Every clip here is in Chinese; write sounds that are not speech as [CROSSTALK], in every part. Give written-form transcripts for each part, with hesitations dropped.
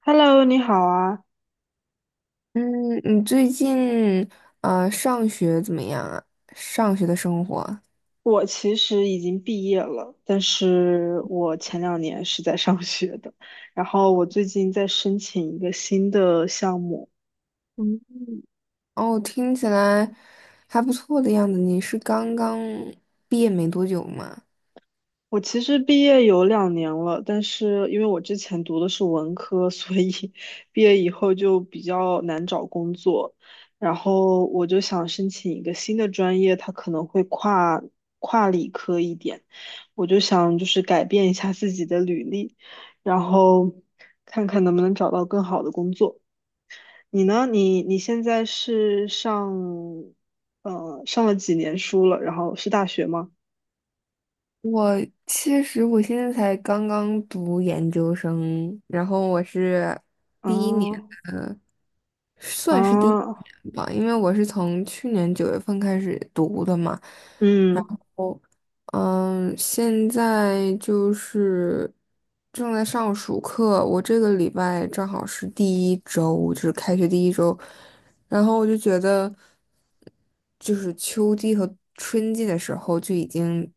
Hello，你好啊！嗯，你最近上学怎么样啊？上学的生活我其实已经毕业了，但是我前两年是在上学的。然后我最近在申请一个新的项目。哦，听起来还不错的样子。你是刚刚毕业没多久吗？我其实毕业有两年了，但是因为我之前读的是文科，所以 [LAUGHS] 毕业以后就比较难找工作。然后我就想申请一个新的专业，它可能会跨理科一点。我就想就是改变一下自己的履历，然后看看能不能找到更好的工作。你呢？你现在是上了几年书了？然后是大学吗？我其实现在才刚刚读研究生，然后我是啊第一年，算是第一啊！年吧，因为我是从去年九月份开始读的嘛。嗯嗯，现在就是正在上暑课，我这个礼拜正好是第一周，就是开学第一周，然后我就觉得，就是秋季和春季的时候就已经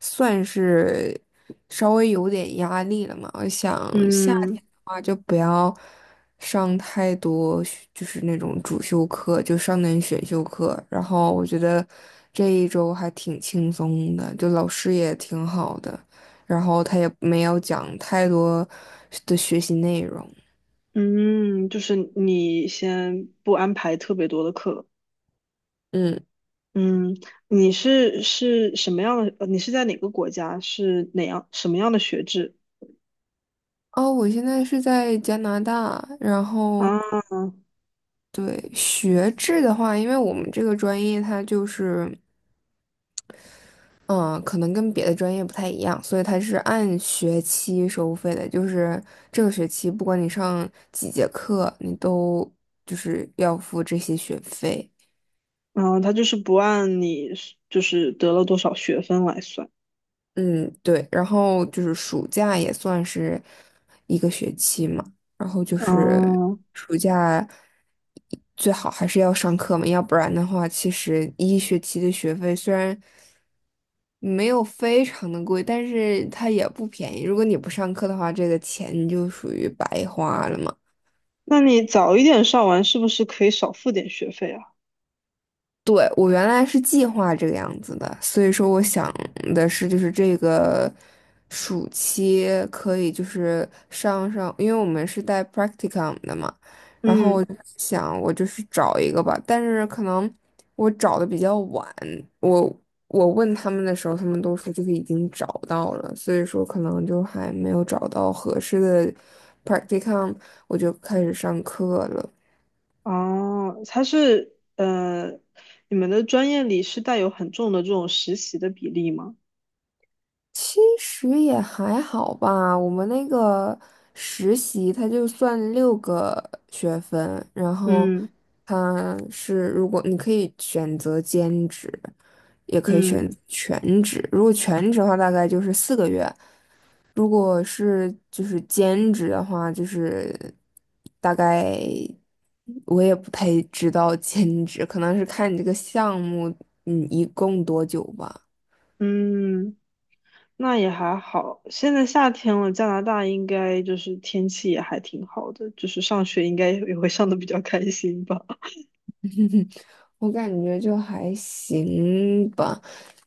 算是稍微有点压力了嘛。我想夏天嗯的话就不要上太多学就是那种主修课，就上点选修课。然后我觉得这一周还挺轻松的，就老师也挺好的，然后他也没有讲太多的学习内容。嗯，就是你先不安排特别多的课。嗯。嗯，你是什么样的？你是在哪个国家？是什么样的学制哦，我现在是在加拿大，然后啊？对学制的话，因为我们这个专业它就是，嗯、可能跟别的专业不太一样，所以它是按学期收费的，就是这个学期不管你上几节课，你都就是要付这些学费。然后他就是不按你是就是得了多少学分来算。嗯，对，然后就是暑假也算是一个学期嘛，然后就是哦，暑假最好还是要上课嘛，要不然的话，其实一学期的学费虽然没有非常的贵，但是它也不便宜。如果你不上课的话，这个钱你就属于白花了嘛。那你早一点上完，是不是可以少付点学费啊？对，我原来是计划这个样子的，所以说我想的是，就是这个暑期可以就是上上，因为我们是带 practicum 的嘛，然后我嗯，就想我就是找一个吧，但是可能我找的比较晚，我我问他们的时候，他们都说就是已经找到了，所以说可能就还没有找到合适的 practicum，我就开始上课了。哦，你们的专业里是带有很重的这种实习的比例吗？其实也还好吧，我们那个实习它就算6个学分，然后嗯它是如果你可以选择兼职，也可以嗯。选全职。如果全职的话，大概就是4个月；如果是就是兼职的话，就是大概我也不太知道 [LAUGHS] 兼职，可能是看你这个项目，嗯，一共多久吧。嗯，那也还好。现在夏天了，加拿大应该就是天气也还挺好的，就是上学应该也会上的比较开心吧。[LAUGHS] 我感觉就还行吧，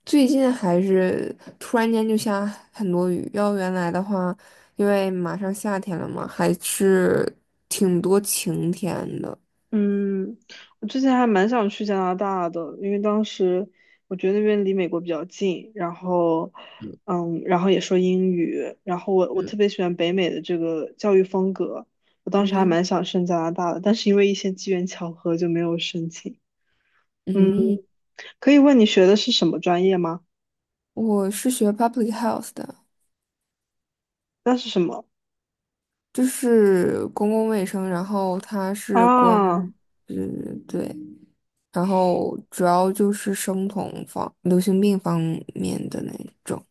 最近还是突然间就下很多雨。要原来的话，因为马上夏天了嘛，还是挺多晴天的。嗯，我之前还蛮想去加拿大的，因为当时我觉得那边离美国比较近，然后也说英语，然后我特嗯，别喜欢北美的这个教育风格。我当时还嗯蛮想申加拿大的，但是因为一些机缘巧合就没有申请。嗯，嗯，可以问你学的是什么专业吗？我是学 public health 的，那是什么？就是公共卫生，然后它是关，啊，嗯对，然后主要就是生酮方、流行病方面的那种，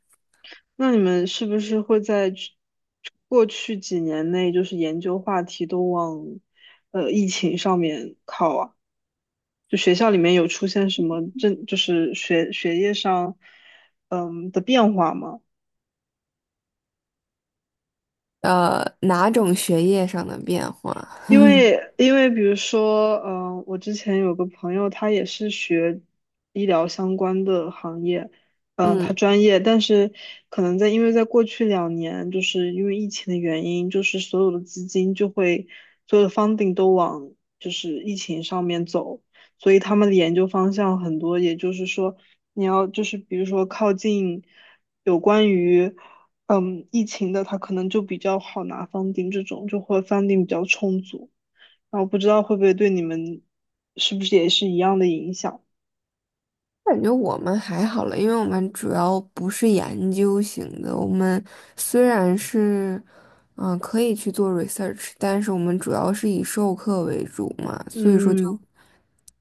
那你们是不是会在过去几年内，就是研究话题都往疫情上面靠啊？就学校里面有出现什么政，就是学业上的变化吗？哪种学业上的变化。因为比如说，我之前有个朋友，他也是学医疗相关的行业，嗯、他嗯，专业，但是可能因为在过去两年，就是因为疫情的原因，就是所有的 funding 都往就是疫情上面走，所以他们的研究方向很多，也就是说，你要就是比如说靠近有关于。嗯，疫情的他可能就比较好拿 funding 这种，就会 funding 比较充足，然后不知道会不会对你们是不是也是一样的影响？感觉我们还好了，因为我们主要不是研究型的。我们虽然是，可以去做 research，但是我们主要是以授课为主嘛，所以说就嗯，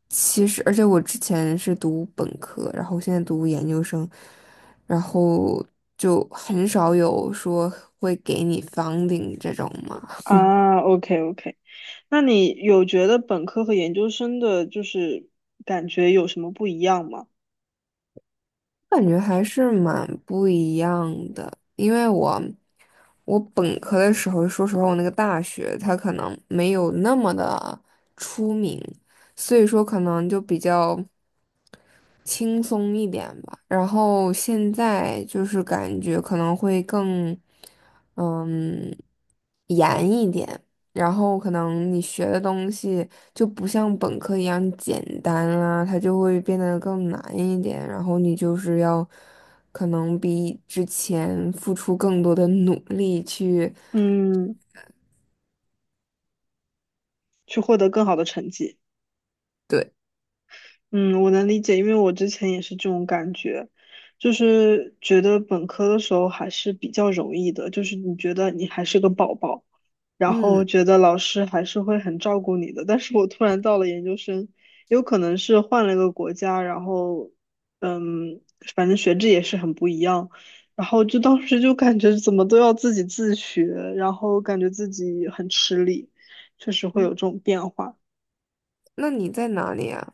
其实，而且我之前是读本科，然后现在读研究生，然后就很少有说会给你 funding 这种嘛。啊，OK OK，那你有觉得本科和研究生的就是感觉有什么不一样吗？感觉还是蛮不一样的，因为我本科的时候，说实话，我那个大学它可能没有那么的出名，所以说可能就比较。轻松一点吧。然后现在就是感觉可能会更，嗯，严一点。然后可能你学的东西就不像本科一样简单啊，它就会变得更难一点。然后你就是要可能比之前付出更多的努力去，嗯，去获得更好的成绩。对，嗯，我能理解，因为我之前也是这种感觉，就是觉得本科的时候还是比较容易的，就是你觉得你还是个宝宝，然后嗯，觉得老师还是会很照顾你的。但是我突然到了研究生，有可能是换了一个国家，嗯，反正学制也是很不一样，然后就当时就感觉怎么都要自己自学，然后感觉自己很吃力，确实会有嗯这种变化。那你在哪里啊？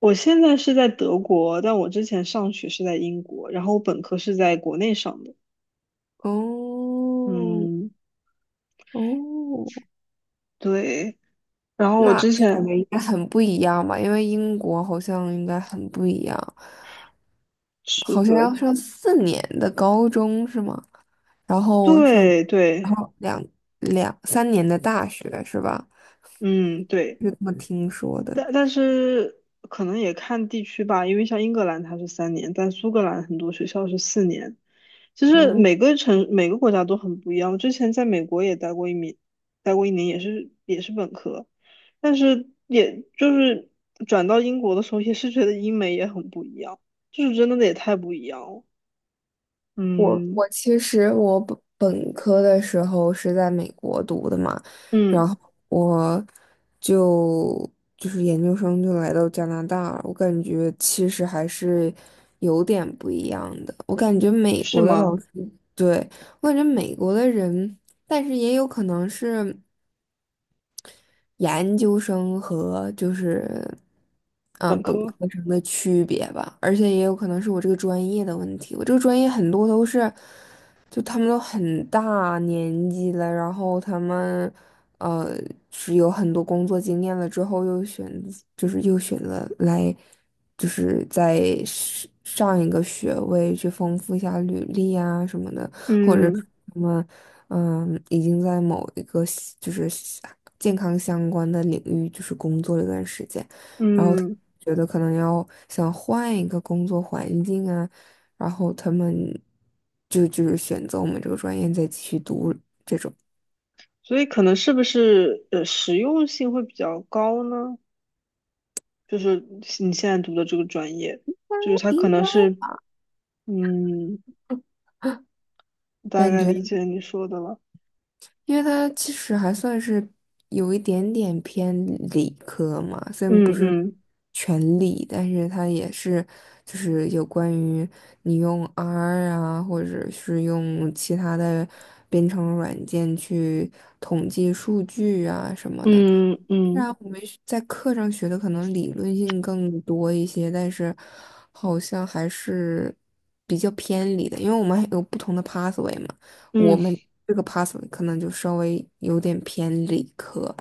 我现在是在德国，但我之前上学是在英国，然后我本科是在国内上的。哦，嗯，哦。对。然后那我那之感前觉应该很不一样吧？因为英国好像应该很不一样，是好像的，要上四年的高中是吗？然后上，对对，然后两三年的大学是吧？嗯对，就这么听说的。但是可能也看地区吧，因为像英格兰它是3年，但苏格兰很多学校是4年。其实嗯。每个国家都很不一样。之前在美国也待过一年，待过一年也是本科，但是也就是转到英国的时候，也是觉得英美也很不一样，就是真的也太不一样了。我嗯我其实我本本科的时候是在美国读的嘛，然嗯，后我就就是研究生就来到加拿大了，我感觉其实还是有点不一样的。我感觉美是国的吗？老师，对，我感觉美国的人，但是也有可能是。研究生和就是本本科，科生的区别吧，而且也有可能是我这个专业的问题。我这个专业很多都是，就他们都很大年纪了，然后他们呃是有很多工作经验了之后，就是又选择来就是在上一个学位去丰富一下履历啊什么的。或者是嗯他们已经在某一个就是健康相关的领域就是工作了一段时间，然后他嗯，觉得可能要想换一个工作环境啊，然后他们就是选择我们这个专业再继续读，所以可能是不是实用性会比较高呢？就是你现在读的这个专业，就是它应可能是，该。嗯，大感概觉。理解你说的了。因为它其实还算是有一点点偏理科嘛，虽然不嗯是嗯全理，但是它也是就是有关于你用 R 啊，或者是用其他的编程软件去统计数据啊什么的。嗯虽然嗯我们是在课上学的可能理论性更多一些，但是好像还是比较偏离的，因为我们还有不同的 pathway 嘛。我嗯，们这个 pathway 可能就稍微有点偏理科，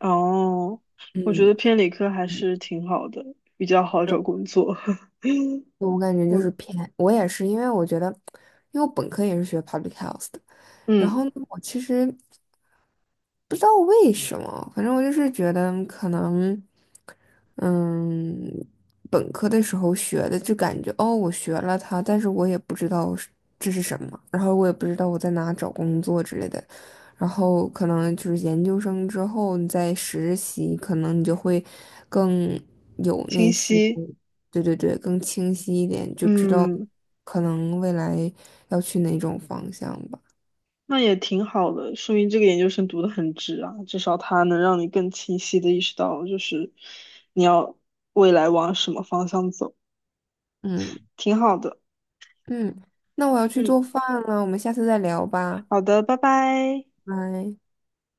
哦，我觉嗯，得偏理科还是挺好的，比较好找对工作。[LAUGHS] 我感觉就是我偏，我也是，因为我觉得，因为我本科也是学 public health 的，然嗯，后呢我其实。不知道为什么，反正我就是觉得可能，嗯，本科的时候学的就感觉哦，我学了它，但是我也不知道是这是什么，然后我也不知道我在哪找工作之类的，然后可能就是研究生之后你再实习，可能你就会更有清那些，晰。对对对，更清晰一点，就知道嗯，可能未来要去哪种方向吧，那也挺好的，说明这个研究生读的很值啊，至少它能让你更清晰的意识到，就是你要未来往什么方向走，嗯。挺好的。嗯，那我要去嗯，做饭了，我们下次再聊吧，好的，拜拜。拜。